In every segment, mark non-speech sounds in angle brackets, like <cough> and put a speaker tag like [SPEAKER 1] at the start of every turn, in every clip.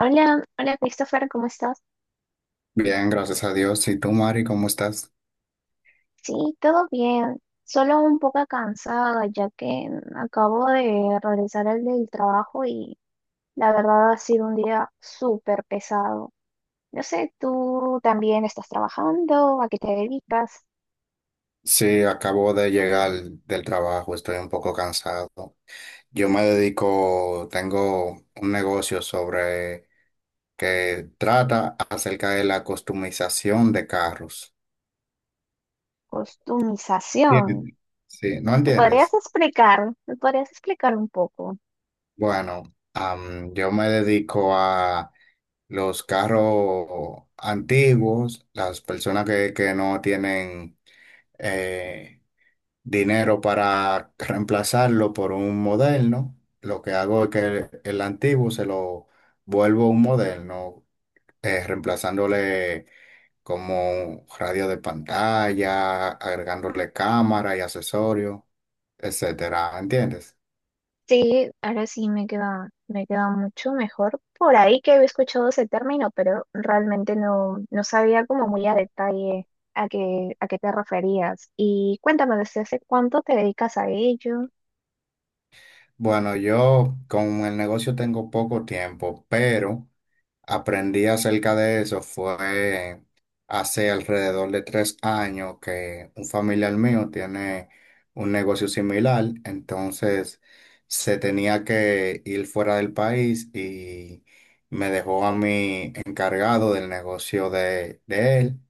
[SPEAKER 1] Hola, hola Christopher, ¿cómo estás?
[SPEAKER 2] Bien, gracias a Dios. ¿Y tú, Mari, cómo estás?
[SPEAKER 1] Sí, todo bien, solo un poco cansada ya que acabo de regresar al del trabajo y la verdad ha sido un día súper pesado. No sé, tú también estás trabajando, ¿a qué te dedicas?
[SPEAKER 2] Sí, acabo de llegar del trabajo, estoy un poco cansado. Yo me dedico, tengo un negocio sobre que trata acerca de la customización de carros.
[SPEAKER 1] Costumización.
[SPEAKER 2] ¿Entiendes? Sí, ¿no
[SPEAKER 1] ¿Me podrías
[SPEAKER 2] entiendes?
[SPEAKER 1] explicar? ¿Me podrías explicar un poco?
[SPEAKER 2] Bueno, yo me dedico a los carros antiguos, las personas que no tienen eh, dinero para reemplazarlo por un moderno. Lo que hago es que el antiguo se lo vuelvo un moderno, reemplazándole como radio de pantalla, agregándole cámara y accesorios, etcétera. ¿Entiendes?
[SPEAKER 1] Sí, ahora sí me queda mucho mejor. Por ahí que había escuchado ese término, pero realmente no sabía como muy a detalle a qué te referías. Y cuéntame, ¿desde hace cuánto te dedicas a ello?
[SPEAKER 2] Bueno, yo con el negocio tengo poco tiempo, pero aprendí acerca de eso fue hace alrededor de 3 años, que un familiar mío tiene un negocio similar. Entonces, se tenía que ir fuera del país y me dejó a mí encargado del negocio de él,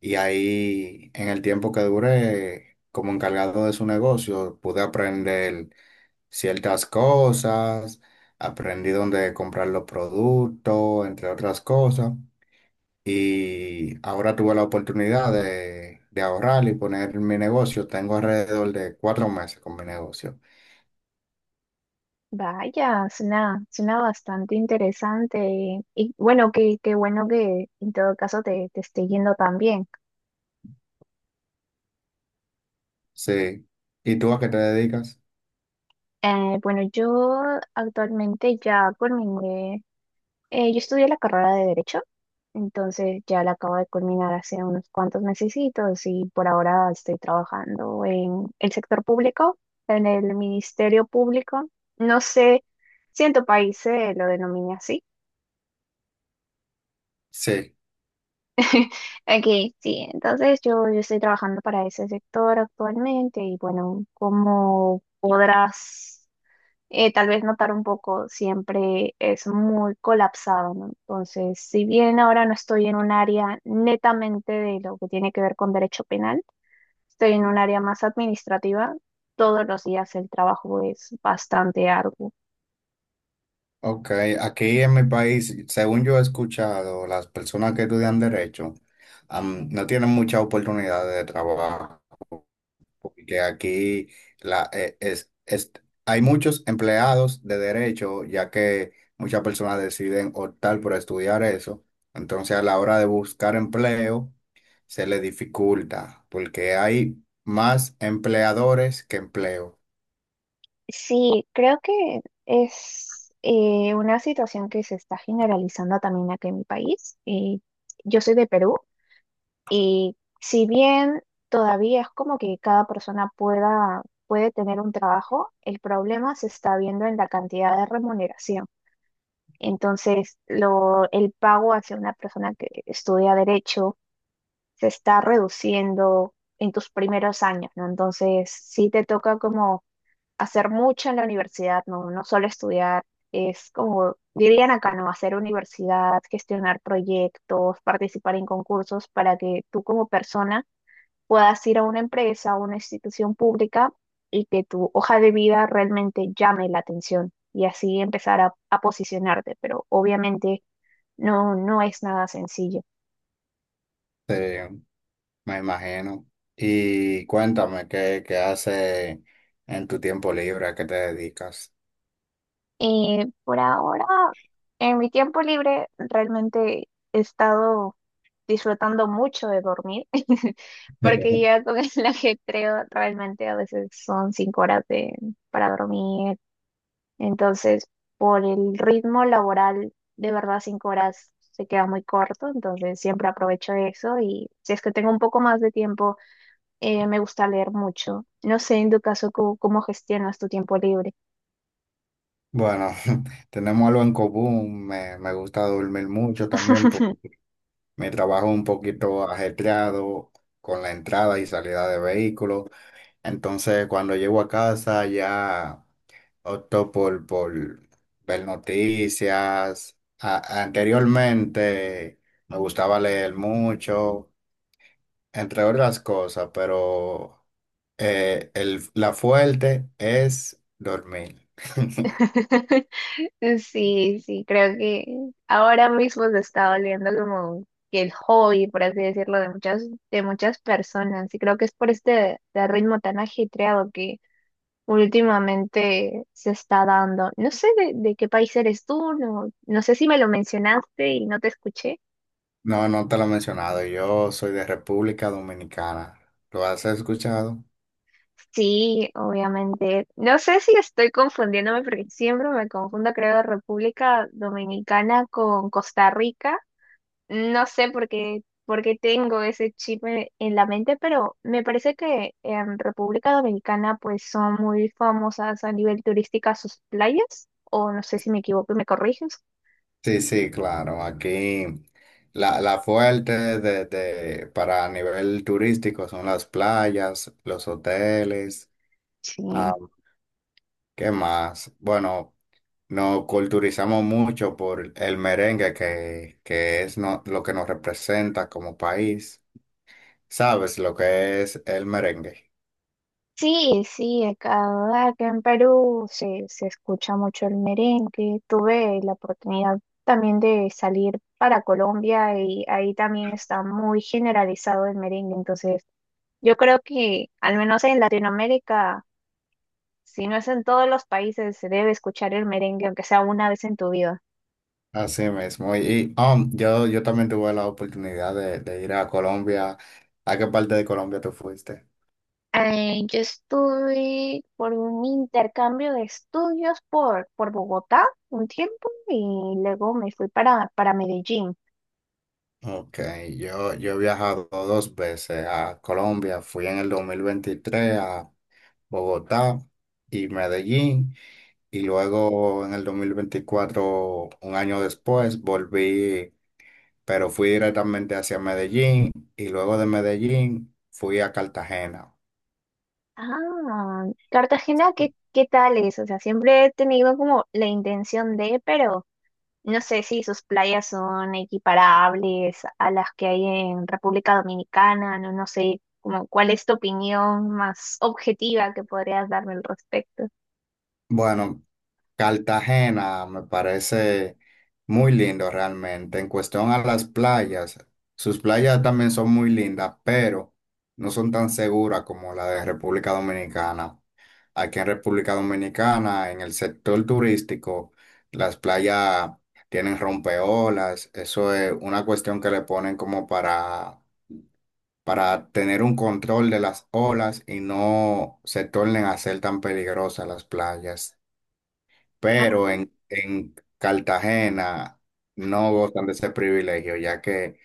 [SPEAKER 2] y ahí en el tiempo que duré como encargado de su negocio pude aprender ciertas cosas, aprendí dónde comprar los productos, entre otras cosas. Y ahora tuve la oportunidad de ahorrar y poner mi negocio. Tengo alrededor de 4 meses con mi negocio.
[SPEAKER 1] Vaya, suena bastante interesante. Y bueno, qué bueno que en todo caso te esté yendo tan bien.
[SPEAKER 2] Sí. ¿Y tú a qué te dedicas?
[SPEAKER 1] Bueno, yo actualmente ya culminé. Yo estudié la carrera de Derecho, entonces ya la acabo de culminar hace unos cuantos mesecitos y por ahora estoy trabajando en el sector público, en el Ministerio Público. No sé si en tu país se lo denomina así.
[SPEAKER 2] Sí.
[SPEAKER 1] <laughs> Aquí sí, entonces yo estoy trabajando para ese sector actualmente y bueno, como podrás tal vez notar un poco, siempre es muy colapsado, ¿no? Entonces, si bien ahora no estoy en un área netamente de lo que tiene que ver con derecho penal, estoy en un área más administrativa, todos los días el trabajo es bastante arduo.
[SPEAKER 2] Ok, aquí en mi país, según yo he escuchado, las personas que estudian derecho, no tienen muchas oportunidades de trabajo, porque aquí la, eh, es, es- hay muchos empleados de derecho, ya que muchas personas deciden optar por estudiar eso. Entonces, a la hora de buscar empleo, se le dificulta, porque hay más empleadores que empleo.
[SPEAKER 1] Sí, creo que es una situación que se está generalizando también aquí en mi país. Yo soy de Perú. Y si bien todavía es como que puede tener un trabajo, el problema se está viendo en la cantidad de remuneración. Entonces, el pago hacia una persona que estudia derecho se está reduciendo en tus primeros años, ¿no? Entonces, sí te toca como hacer mucho en la universidad, ¿no? No solo estudiar, es como, dirían acá, ¿no? Hacer universidad, gestionar proyectos, participar en concursos para que tú como persona puedas ir a una empresa, a una institución pública y que tu hoja de vida realmente llame la atención y así empezar a posicionarte, pero obviamente no es nada sencillo.
[SPEAKER 2] Eh, me imagino. Y cuéntame, ¿qué haces en tu tiempo libre? ¿A qué te dedicas?
[SPEAKER 1] Por ahora, en mi tiempo libre, realmente he estado disfrutando mucho de dormir, <laughs> porque
[SPEAKER 2] <laughs>
[SPEAKER 1] ya con el <laughs> ajetreo realmente a veces son cinco horas para dormir. Entonces, por el ritmo laboral, de verdad, cinco horas se queda muy corto, entonces siempre aprovecho eso y si es que tengo un poco más de tiempo, me gusta leer mucho. No sé, en tu caso, ¿cómo gestionas tu tiempo libre?
[SPEAKER 2] Bueno, <laughs> tenemos algo en común. Me gusta dormir mucho también.
[SPEAKER 1] <laughs>
[SPEAKER 2] Mi trabajo es un poquito ajetreado con la entrada y salida de vehículos. Entonces, cuando llego a casa, ya opto por ver noticias. Anteriormente me gustaba leer mucho, entre otras cosas, pero la fuerte es dormir. <laughs>
[SPEAKER 1] Sí, sí, creo que ahora mismo se está volviendo como que el hobby, por así decirlo, de muchas personas. Y creo que es por este ritmo tan ajetreado que últimamente se está dando. No sé de qué país eres tú, no sé si me lo mencionaste y no te escuché.
[SPEAKER 2] No, no te lo he mencionado. Yo soy de República Dominicana. ¿Lo has escuchado?
[SPEAKER 1] Sí, obviamente. No sé si estoy confundiéndome porque siempre me confundo, creo, República Dominicana con Costa Rica. No sé por qué tengo ese chip en la mente, pero me parece que en República Dominicana pues son muy famosas a nivel turística sus playas, o no sé si me equivoco y me corriges.
[SPEAKER 2] Sí, sí, claro. Aquí la fuerte para nivel turístico son las playas, los hoteles.
[SPEAKER 1] Sí.
[SPEAKER 2] Ah, ¿qué más? Bueno, nos culturizamos mucho por el merengue que es lo que nos representa como país. ¿Sabes lo que es el merengue?
[SPEAKER 1] Sí, sí, acá en Perú se escucha mucho el merengue. Tuve la oportunidad también de salir para Colombia y ahí también está muy generalizado el merengue. Entonces, yo creo que al menos en Latinoamérica, si no es en todos los países, se debe escuchar el merengue, aunque sea una vez en tu vida.
[SPEAKER 2] Así mismo. Y, yo también tuve la oportunidad de ir a Colombia. ¿A qué parte de Colombia tú fuiste?
[SPEAKER 1] Yo estuve por un intercambio de estudios por Bogotá un tiempo y luego me fui para Medellín.
[SPEAKER 2] Ok, yo he viajado dos veces a Colombia. Fui en el 2023 a Bogotá y Medellín, y luego, en el 2024, un año después, volví, pero fui directamente hacia Medellín, y luego de Medellín fui a Cartagena.
[SPEAKER 1] Ah, Cartagena, ¿qué tal es? O sea, siempre he tenido como la intención de, pero no sé si sus playas son equiparables a las que hay en República Dominicana, no, no sé, como cuál es tu opinión más objetiva que podrías darme al respecto.
[SPEAKER 2] Bueno, Cartagena me parece muy lindo realmente. En cuestión a las playas, sus playas también son muy lindas, pero no son tan seguras como la de República Dominicana. Aquí en República Dominicana, en el sector turístico, las playas tienen rompeolas. Eso es una cuestión que le ponen como para tener un control de las olas y no se tornen a ser tan peligrosas las playas,
[SPEAKER 1] Ah,
[SPEAKER 2] pero en Cartagena no gozan de ese privilegio, ya que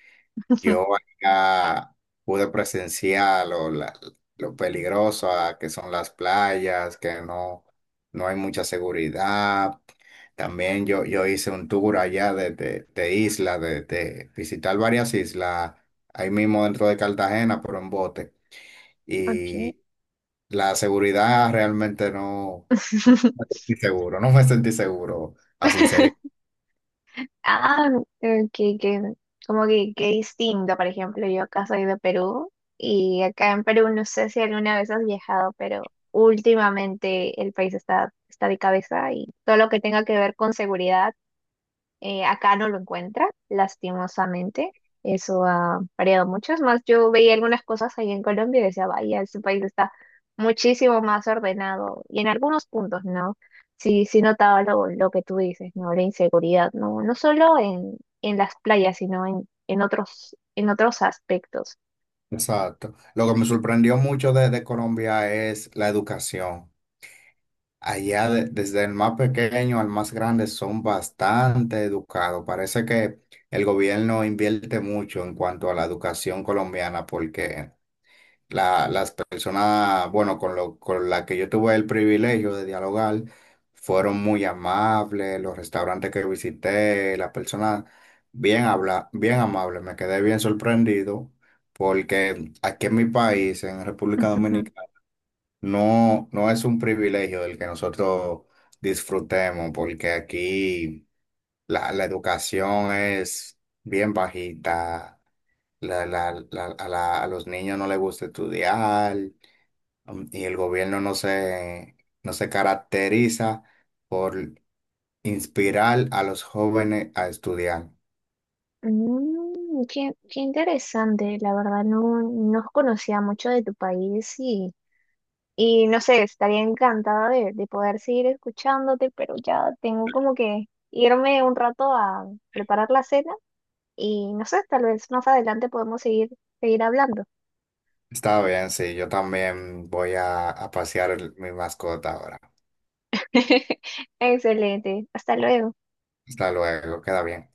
[SPEAKER 2] yo
[SPEAKER 1] <laughs>
[SPEAKER 2] allá pude presenciar lo peligroso que son las playas, que no, no hay mucha seguridad. También yo hice un tour allá de isla, de visitar varias islas, ahí mismo dentro de Cartagena, pero en bote.
[SPEAKER 1] ok.
[SPEAKER 2] Y la seguridad realmente no,
[SPEAKER 1] <laughs>
[SPEAKER 2] seguro, <laughs> no me sentí seguro, a sinceridad.
[SPEAKER 1] Ah, eh, que, que, como que qué distinto, por ejemplo, yo acá soy de Perú y acá en Perú no sé si alguna vez has viajado, pero últimamente el país está de cabeza y todo lo que tenga que ver con seguridad. Acá no lo encuentra, lastimosamente. Eso ha variado mucho. Es más, yo veía algunas cosas ahí en Colombia y decía, vaya, este país está muchísimo más ordenado. Y en algunos puntos, ¿no? Sí, sí notaba lo que tú dices, ¿no? La inseguridad, ¿no? No solo en las playas, sino en otros aspectos.
[SPEAKER 2] Exacto. Lo que me sorprendió mucho de Colombia es la educación. Allá, desde el más pequeño al más grande, son bastante educados. Parece que el gobierno invierte mucho en cuanto a la educación colombiana, porque las personas, bueno, con la que yo tuve el privilegio de dialogar, fueron muy amables. Los restaurantes que visité, las personas bien amables. Me quedé bien sorprendido, porque aquí en mi país, en República
[SPEAKER 1] Ujú.
[SPEAKER 2] Dominicana, no, no es un privilegio el que nosotros disfrutemos, porque aquí la educación es bien bajita, a los niños no les gusta estudiar, y el gobierno no se, no se caracteriza por inspirar a los jóvenes a estudiar.
[SPEAKER 1] Mm, qué interesante, la verdad, no conocía mucho de tu país y Y no sé, estaría encantada de poder seguir escuchándote, pero ya tengo como que irme un rato a preparar la cena y no sé, tal vez más adelante podemos seguir, seguir hablando.
[SPEAKER 2] Está bien, sí, yo también voy a pasear mi mascota ahora.
[SPEAKER 1] <laughs> Excelente, hasta luego.
[SPEAKER 2] Hasta luego, queda bien.